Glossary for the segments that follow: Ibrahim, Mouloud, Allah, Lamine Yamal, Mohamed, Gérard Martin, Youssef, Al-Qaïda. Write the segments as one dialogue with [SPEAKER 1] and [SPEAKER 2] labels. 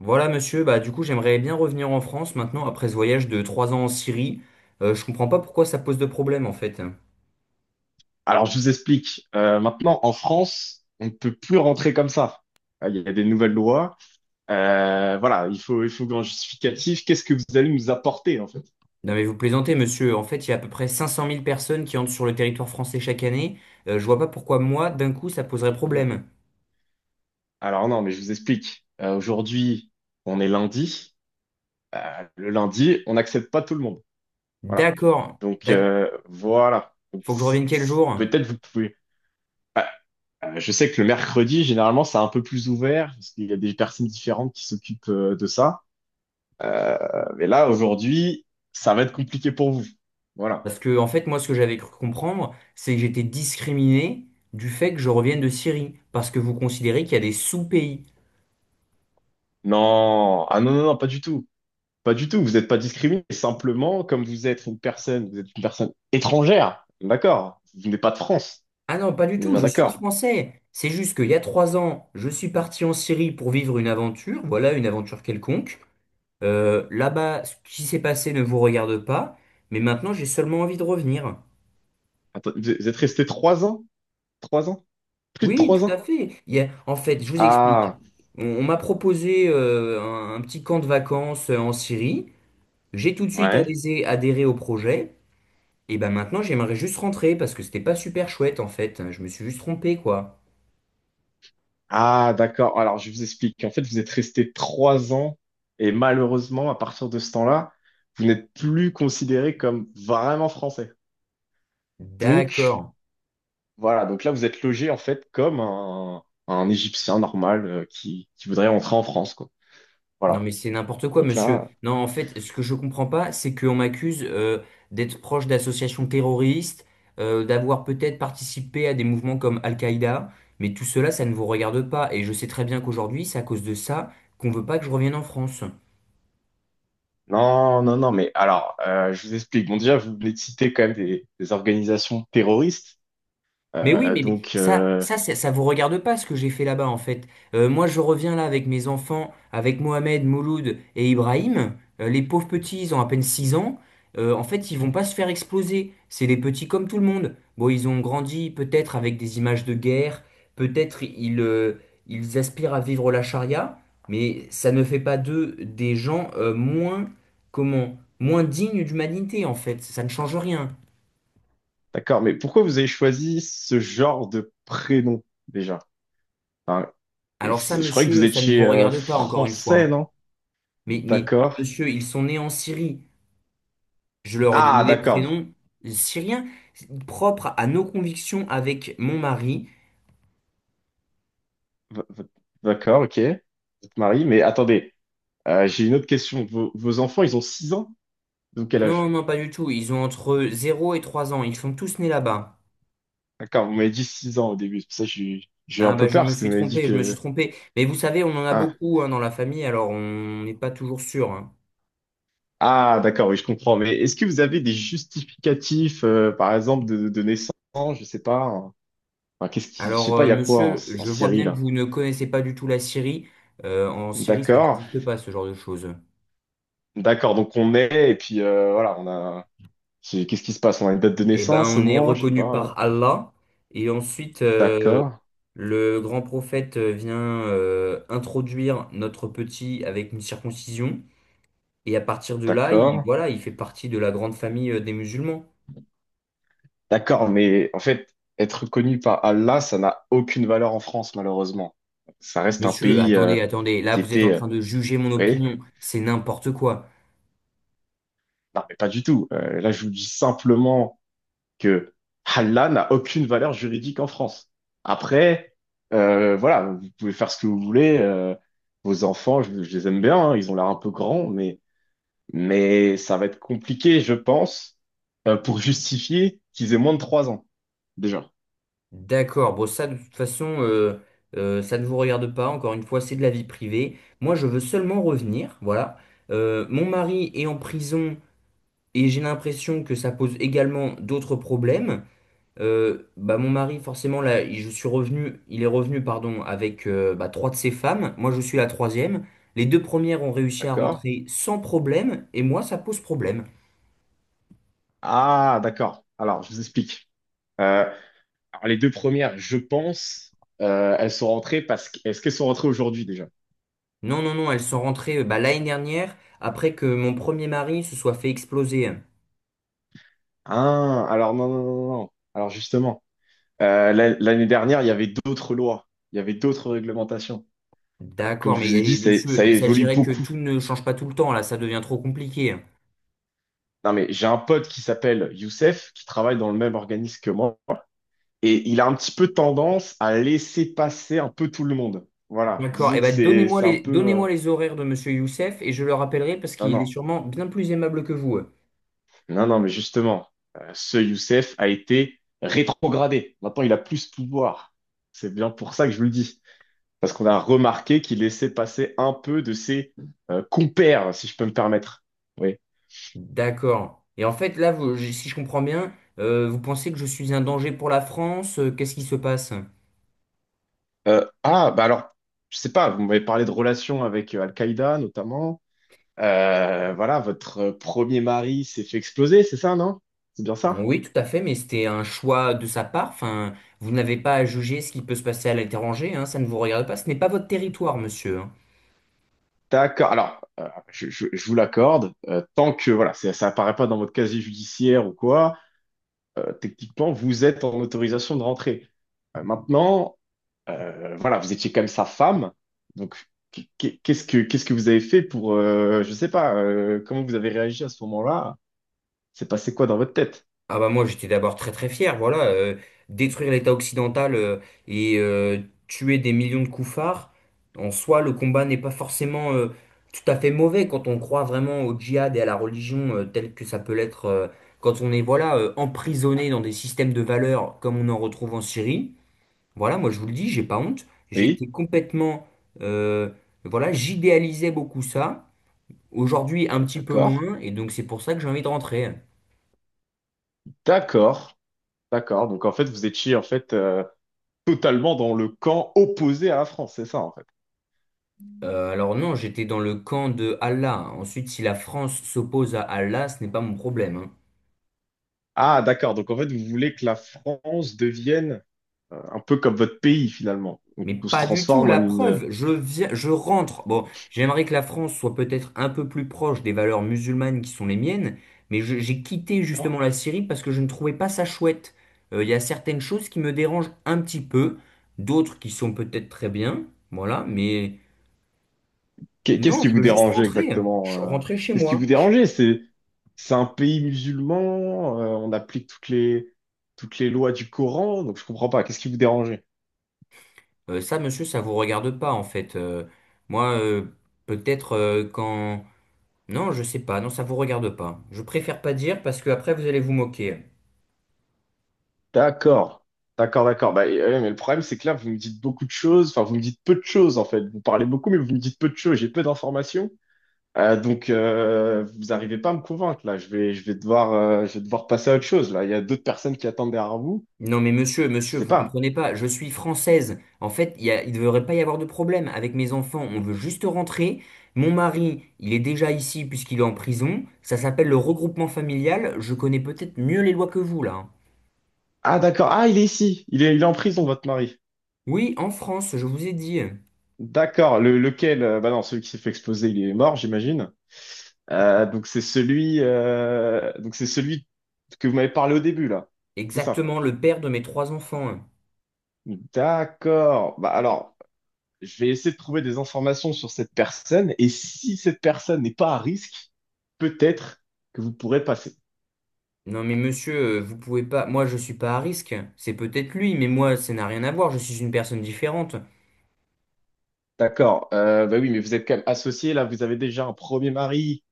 [SPEAKER 1] Voilà, monsieur. Bah, du coup, j'aimerais bien revenir en France maintenant après ce voyage de 3 ans en Syrie. Je comprends pas pourquoi ça pose de problème en fait.
[SPEAKER 2] Alors, je vous explique. Maintenant, en France, on ne peut plus rentrer comme ça. Il y a des nouvelles lois. Voilà, il faut un justificatif. Qu'est-ce que vous allez nous apporter, en fait?
[SPEAKER 1] Non, mais vous plaisantez, monsieur. En fait, il y a à peu près 500 000 personnes qui entrent sur le territoire français chaque année. Je vois pas pourquoi moi, d'un coup, ça poserait
[SPEAKER 2] Voilà.
[SPEAKER 1] problème.
[SPEAKER 2] Alors, non, mais je vous explique. Aujourd'hui, on est lundi. Le lundi, on n'accepte pas tout le monde. Voilà.
[SPEAKER 1] D'accord.
[SPEAKER 2] Donc, voilà. Donc,
[SPEAKER 1] Faut que je revienne quel jour?
[SPEAKER 2] peut-être vous pouvez. Ah, je sais que le mercredi, généralement, c'est un peu plus ouvert parce qu'il y a des personnes différentes qui s'occupent de ça. Mais là, aujourd'hui, ça va être compliqué pour vous. Voilà.
[SPEAKER 1] Parce que, en fait, moi, ce que j'avais cru comprendre, c'est que j'étais discriminé du fait que je revienne de Syrie. Parce que vous considérez qu'il y a des sous-pays.
[SPEAKER 2] Non, ah non, non, non, pas du tout. Pas du tout. Vous n'êtes pas discriminé. Simplement, comme vous êtes une personne, vous êtes une personne étrangère. D'accord. Vous n'êtes pas de France.
[SPEAKER 1] Ah non, pas du
[SPEAKER 2] On est
[SPEAKER 1] tout,
[SPEAKER 2] bien
[SPEAKER 1] je suis
[SPEAKER 2] d'accord.
[SPEAKER 1] français. C'est juste qu'il y a trois ans, je suis parti en Syrie pour vivre une aventure, voilà, une aventure quelconque. Là-bas, ce qui s'est passé ne vous regarde pas, mais maintenant j'ai seulement envie de revenir.
[SPEAKER 2] Attends, vous êtes resté 3 ans? 3 ans? Plus de
[SPEAKER 1] Oui, oui,
[SPEAKER 2] trois
[SPEAKER 1] tout à
[SPEAKER 2] ans?
[SPEAKER 1] fait. En fait, je vous explique.
[SPEAKER 2] Ah,
[SPEAKER 1] On m'a proposé un petit camp de vacances en Syrie. J'ai tout de suite
[SPEAKER 2] ouais.
[SPEAKER 1] adhéré au projet. Et ben maintenant, j'aimerais juste rentrer parce que c'était pas super chouette en fait. Je me suis juste trompé, quoi.
[SPEAKER 2] Ah, d'accord. Alors, je vous explique. En fait, vous êtes resté trois ans et malheureusement, à partir de ce temps-là, vous n'êtes plus considéré comme vraiment français. Donc,
[SPEAKER 1] D'accord.
[SPEAKER 2] voilà, donc là, vous êtes logé en fait comme un Égyptien normal qui voudrait rentrer en France, quoi.
[SPEAKER 1] Non
[SPEAKER 2] Voilà.
[SPEAKER 1] mais c'est n'importe quoi,
[SPEAKER 2] Donc
[SPEAKER 1] monsieur.
[SPEAKER 2] là,
[SPEAKER 1] Non, en fait, ce que je comprends pas, c'est qu'on m'accuse d'être proche d'associations terroristes, d'avoir peut-être participé à des mouvements comme Al-Qaïda, mais tout cela, ça ne vous regarde pas. Et je sais très bien qu'aujourd'hui, c'est à cause de ça qu'on veut pas que je revienne en France.
[SPEAKER 2] non, non, non, mais alors, je vous explique. Bon, déjà, vous venez de citer quand même des organisations terroristes.
[SPEAKER 1] Mais oui,
[SPEAKER 2] Euh,
[SPEAKER 1] mais
[SPEAKER 2] donc,
[SPEAKER 1] ça,
[SPEAKER 2] euh,
[SPEAKER 1] ça, ça, ça vous regarde pas ce que j'ai fait là-bas en fait. Moi, je reviens là avec mes enfants, avec Mohamed, Mouloud et Ibrahim. Les pauvres petits, ils ont à peine 6 ans. En fait, ils vont pas se faire exploser. C'est des petits comme tout le monde. Bon, ils ont grandi peut-être avec des images de guerre. Peut-être ils aspirent à vivre la charia, mais ça ne fait pas d'eux des gens moins dignes d'humanité en fait. Ça ne change rien.
[SPEAKER 2] d'accord, mais pourquoi vous avez choisi ce genre de prénom déjà? Enfin,
[SPEAKER 1] Alors ça,
[SPEAKER 2] je croyais que vous
[SPEAKER 1] monsieur, ça ne
[SPEAKER 2] étiez
[SPEAKER 1] vous regarde pas encore une fois,
[SPEAKER 2] français,
[SPEAKER 1] hein.
[SPEAKER 2] non?
[SPEAKER 1] Mais
[SPEAKER 2] D'accord.
[SPEAKER 1] monsieur, ils sont nés en Syrie. Je leur ai
[SPEAKER 2] Ah,
[SPEAKER 1] donné des
[SPEAKER 2] d'accord.
[SPEAKER 1] prénoms syriens, propres à nos convictions avec mon mari.
[SPEAKER 2] V- v- D'accord, ok. Vous êtes marié, mais attendez. J'ai une autre question. Vos, vos enfants, ils ont 6 ans? Donc quel
[SPEAKER 1] Non,
[SPEAKER 2] âge?
[SPEAKER 1] non, pas du tout. Ils ont entre 0 et 3 ans. Ils sont tous nés là-bas.
[SPEAKER 2] D'accord, vous m'avez dit 6 ans au début. C'est pour ça que j'ai eu
[SPEAKER 1] Ah
[SPEAKER 2] un peu
[SPEAKER 1] bah je
[SPEAKER 2] peur
[SPEAKER 1] me
[SPEAKER 2] parce que
[SPEAKER 1] suis
[SPEAKER 2] vous m'avez dit
[SPEAKER 1] trompé, je me suis
[SPEAKER 2] que...
[SPEAKER 1] trompé. Mais vous savez, on en a
[SPEAKER 2] Ah,
[SPEAKER 1] beaucoup hein, dans la famille, alors on n'est pas toujours sûr, hein.
[SPEAKER 2] ah d'accord, oui, je comprends. Mais est-ce que vous avez des justificatifs, par exemple, de naissance? Je sais pas, hein. Enfin, qu'est-ce qui... Je
[SPEAKER 1] Alors
[SPEAKER 2] sais pas,
[SPEAKER 1] euh,
[SPEAKER 2] il y a quoi en,
[SPEAKER 1] monsieur,
[SPEAKER 2] en
[SPEAKER 1] je vois
[SPEAKER 2] Syrie,
[SPEAKER 1] bien que
[SPEAKER 2] là?
[SPEAKER 1] vous ne connaissez pas du tout la Syrie. En Syrie, ça
[SPEAKER 2] D'accord,
[SPEAKER 1] n'existe pas ce genre de choses.
[SPEAKER 2] d'accord. Donc on est et puis voilà, on a... Qu'est-ce qui se passe? On a une date de
[SPEAKER 1] Eh ben,
[SPEAKER 2] naissance au
[SPEAKER 1] on est
[SPEAKER 2] moins, je sais
[SPEAKER 1] reconnu
[SPEAKER 2] pas.
[SPEAKER 1] par Allah. Et ensuite,
[SPEAKER 2] D'accord,
[SPEAKER 1] le grand prophète vient introduire notre petit avec une circoncision, et à partir de là, il,
[SPEAKER 2] d'accord.
[SPEAKER 1] voilà, il fait partie de la grande famille des musulmans.
[SPEAKER 2] D'accord, mais en fait, être reconnu par Allah, ça n'a aucune valeur en France, malheureusement. Ça reste un
[SPEAKER 1] Monsieur,
[SPEAKER 2] pays
[SPEAKER 1] attendez, attendez, là
[SPEAKER 2] qui
[SPEAKER 1] vous êtes en
[SPEAKER 2] était...
[SPEAKER 1] train
[SPEAKER 2] vous
[SPEAKER 1] de juger mon
[SPEAKER 2] voyez?
[SPEAKER 1] opinion, c'est n'importe quoi.
[SPEAKER 2] Non, mais pas du tout. Là, je vous dis simplement que Allah n'a aucune valeur juridique en France. Après, voilà, vous pouvez faire ce que vous voulez. Vos enfants, je les aime bien, hein, ils ont l'air un peu grands, mais ça va être compliqué, je pense, pour justifier qu'ils aient moins de 3 ans, déjà.
[SPEAKER 1] D'accord, bon ça de toute façon, ça ne vous regarde pas, encore une fois, c'est de la vie privée. Moi je veux seulement revenir, voilà. Mon mari est en prison et j'ai l'impression que ça pose également d'autres problèmes. Bah mon mari forcément là je suis revenu il est revenu pardon avec bah, trois de ses femmes. Moi je suis la troisième. Les deux premières ont réussi à
[SPEAKER 2] D'accord?
[SPEAKER 1] rentrer sans problème et moi ça pose problème.
[SPEAKER 2] Ah, d'accord. Alors, je vous explique. Euh, alors, les deux premières, je pense, elles sont rentrées parce que... Est-ce qu'elles sont rentrées aujourd'hui déjà?
[SPEAKER 1] Non, non, non, elles sont rentrées bah, l'année dernière après que mon premier mari se soit fait exploser.
[SPEAKER 2] Ah, alors non, non, non, non. Alors justement, l'année dernière, il y avait d'autres lois, il y avait d'autres réglementations. Comme
[SPEAKER 1] D'accord,
[SPEAKER 2] je
[SPEAKER 1] mais
[SPEAKER 2] vous ai dit,
[SPEAKER 1] eh,
[SPEAKER 2] ça,
[SPEAKER 1] monsieur,
[SPEAKER 2] ça
[SPEAKER 1] il
[SPEAKER 2] évolue
[SPEAKER 1] s'agirait que
[SPEAKER 2] beaucoup.
[SPEAKER 1] tout ne change pas tout le temps. Là ça devient trop compliqué.
[SPEAKER 2] Non, mais j'ai un pote qui s'appelle Youssef, qui travaille dans le même organisme que moi, et il a un petit peu tendance à laisser passer un peu tout le monde. Voilà,
[SPEAKER 1] D'accord,
[SPEAKER 2] disons
[SPEAKER 1] et
[SPEAKER 2] que
[SPEAKER 1] ben
[SPEAKER 2] c'est c'est un peu... euh,
[SPEAKER 1] donnez-moi les horaires de monsieur Youssef et je le rappellerai parce
[SPEAKER 2] Non,
[SPEAKER 1] qu'il est
[SPEAKER 2] non.
[SPEAKER 1] sûrement bien plus aimable que vous.
[SPEAKER 2] Non, non, mais justement, ce Youssef a été rétrogradé. Maintenant, il a plus de pouvoir. C'est bien pour ça que je vous le dis. Parce qu'on a remarqué qu'il laissait passer un peu de ses compères, si je peux me permettre. Oui.
[SPEAKER 1] D'accord. Et en fait, là, si je comprends bien, vous pensez que je suis un danger pour la France? Qu'est-ce qui se passe?
[SPEAKER 2] Bah alors, je sais pas, vous m'avez parlé de relations avec Al-Qaïda, notamment. Voilà, votre premier mari s'est fait exploser, c'est ça, non? C'est bien ça?
[SPEAKER 1] Oui, tout à fait, mais c'était un choix de sa part. Enfin, vous n'avez pas à juger ce qui peut se passer à l'étranger, hein, ça ne vous regarde pas. Ce n'est pas votre territoire, monsieur, hein.
[SPEAKER 2] D'accord. Alors, je vous l'accorde. Tant que, voilà, ça apparaît pas dans votre casier judiciaire ou quoi. Techniquement, vous êtes en autorisation de rentrer. Maintenant, voilà, vous étiez quand même sa femme. Donc, qu'est-ce que vous avez fait pour, je sais pas, comment vous avez réagi à ce moment-là? C'est passé quoi dans votre tête?
[SPEAKER 1] Ah bah moi j'étais d'abord très très fier, voilà, détruire l'État occidental et tuer des millions de koufars, en soi le combat n'est pas forcément tout à fait mauvais quand on croit vraiment au djihad et à la religion telle que ça peut l'être quand on est voilà emprisonné dans des systèmes de valeurs comme on en retrouve en Syrie. Voilà, moi je vous le dis, j'ai pas honte,
[SPEAKER 2] Oui,
[SPEAKER 1] j'étais complètement euh, voilà, j'idéalisais beaucoup ça, aujourd'hui un petit peu
[SPEAKER 2] d'accord,
[SPEAKER 1] moins et donc c'est pour ça que j'ai envie de rentrer.
[SPEAKER 2] d'accord, d'accord. Donc, en fait, vous étiez en fait totalement dans le camp opposé à la France, c'est ça, en fait.
[SPEAKER 1] Alors non, j'étais dans le camp de Allah. Ensuite, si la France s'oppose à Allah, ce n'est pas mon problème, hein.
[SPEAKER 2] Ah, d'accord. Donc, en fait, vous voulez que la France devienne un peu comme votre pays finalement. Donc,
[SPEAKER 1] Mais
[SPEAKER 2] on se
[SPEAKER 1] pas du tout,
[SPEAKER 2] transforme en
[SPEAKER 1] la
[SPEAKER 2] une.
[SPEAKER 1] preuve, je viens, je rentre. Bon, j'aimerais que la France soit peut-être un peu plus proche des valeurs musulmanes qui sont les miennes, mais j'ai quitté
[SPEAKER 2] Alors,
[SPEAKER 1] justement la Syrie parce que je ne trouvais pas ça chouette. Il y a certaines choses qui me dérangent un petit peu, d'autres qui sont peut-être très bien, voilà, mais
[SPEAKER 2] qu'est-ce
[SPEAKER 1] non,
[SPEAKER 2] qui
[SPEAKER 1] je
[SPEAKER 2] vous
[SPEAKER 1] veux juste
[SPEAKER 2] dérangeait
[SPEAKER 1] rentrer.
[SPEAKER 2] exactement?
[SPEAKER 1] Rentrer chez
[SPEAKER 2] Qu'est-ce qui
[SPEAKER 1] moi.
[SPEAKER 2] vous dérangeait? C'est un pays musulman. On applique toutes les lois du Coran. Donc je comprends pas. Qu'est-ce qui vous dérangeait?
[SPEAKER 1] Ça, monsieur, ça vous regarde pas en fait. Moi, peut-être quand... Non, je sais pas. Non, ça vous regarde pas. Je préfère pas dire parce que après vous allez vous moquer.
[SPEAKER 2] D'accord, d'accord, d'accord. Bah, ouais, mais le problème c'est que là vous me dites beaucoup de choses. Enfin vous me dites peu de choses en fait. Vous parlez beaucoup mais vous me dites peu de choses. J'ai peu d'informations. Donc vous n'arrivez pas à me convaincre là. Je vais devoir je vais devoir passer à autre chose là. Il y a d'autres personnes qui attendent derrière vous.
[SPEAKER 1] Non, mais monsieur,
[SPEAKER 2] Je
[SPEAKER 1] monsieur,
[SPEAKER 2] sais
[SPEAKER 1] vous
[SPEAKER 2] pas.
[SPEAKER 1] comprenez pas. Je suis française. En fait, il ne devrait pas y avoir de problème avec mes enfants. On veut juste rentrer. Mon mari, il est déjà ici puisqu'il est en prison. Ça s'appelle le regroupement familial. Je connais peut-être mieux les lois que vous là, hein.
[SPEAKER 2] Ah d'accord, ah il est ici, il est en prison votre mari.
[SPEAKER 1] Oui, en France, je vous ai dit.
[SPEAKER 2] D'accord, le, lequel, bah non, celui qui s'est fait exploser, il est mort, j'imagine. Donc c'est celui, donc c'est celui que vous m'avez parlé au début là, c'est ça.
[SPEAKER 1] Exactement, le père de mes trois enfants, hein.
[SPEAKER 2] D'accord. Bah alors, je vais essayer de trouver des informations sur cette personne et si cette personne n'est pas à risque, peut-être que vous pourrez passer.
[SPEAKER 1] Non mais monsieur, vous pouvez pas. Moi je suis pas à risque. C'est peut-être lui, mais moi ça n'a rien à voir. Je suis une personne différente.
[SPEAKER 2] D'accord. Bah oui, mais vous êtes quand même associé là, vous avez déjà un premier mari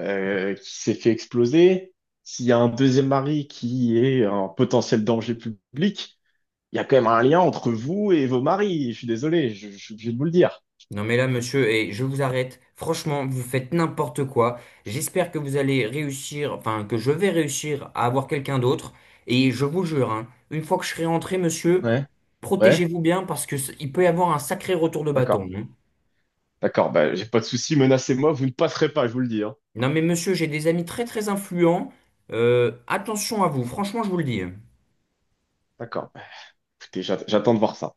[SPEAKER 2] qui s'est fait exploser, s'il y a un deuxième mari qui est un potentiel danger public, il y a quand même un lien entre vous et vos maris. Je suis désolé, je suis obligé de vous le dire.
[SPEAKER 1] Non mais là monsieur, et je vous arrête. Franchement, vous faites n'importe quoi. J'espère que vous allez réussir, enfin que je vais réussir à avoir quelqu'un d'autre. Et je vous jure, hein, une fois que je serai rentré, monsieur,
[SPEAKER 2] Ouais, ouais,
[SPEAKER 1] protégez-vous bien parce que il peut y avoir un sacré retour de
[SPEAKER 2] d'accord,
[SPEAKER 1] bâton, hein.
[SPEAKER 2] d'accord. Bah, j'ai pas de souci, menacez-moi, vous ne passerez pas, je vous le dis, hein.
[SPEAKER 1] Non mais monsieur, j'ai des amis très très influents. Attention à vous. Franchement, je vous le dis, hein.
[SPEAKER 2] D'accord. Bah, écoutez, j'attends de voir ça.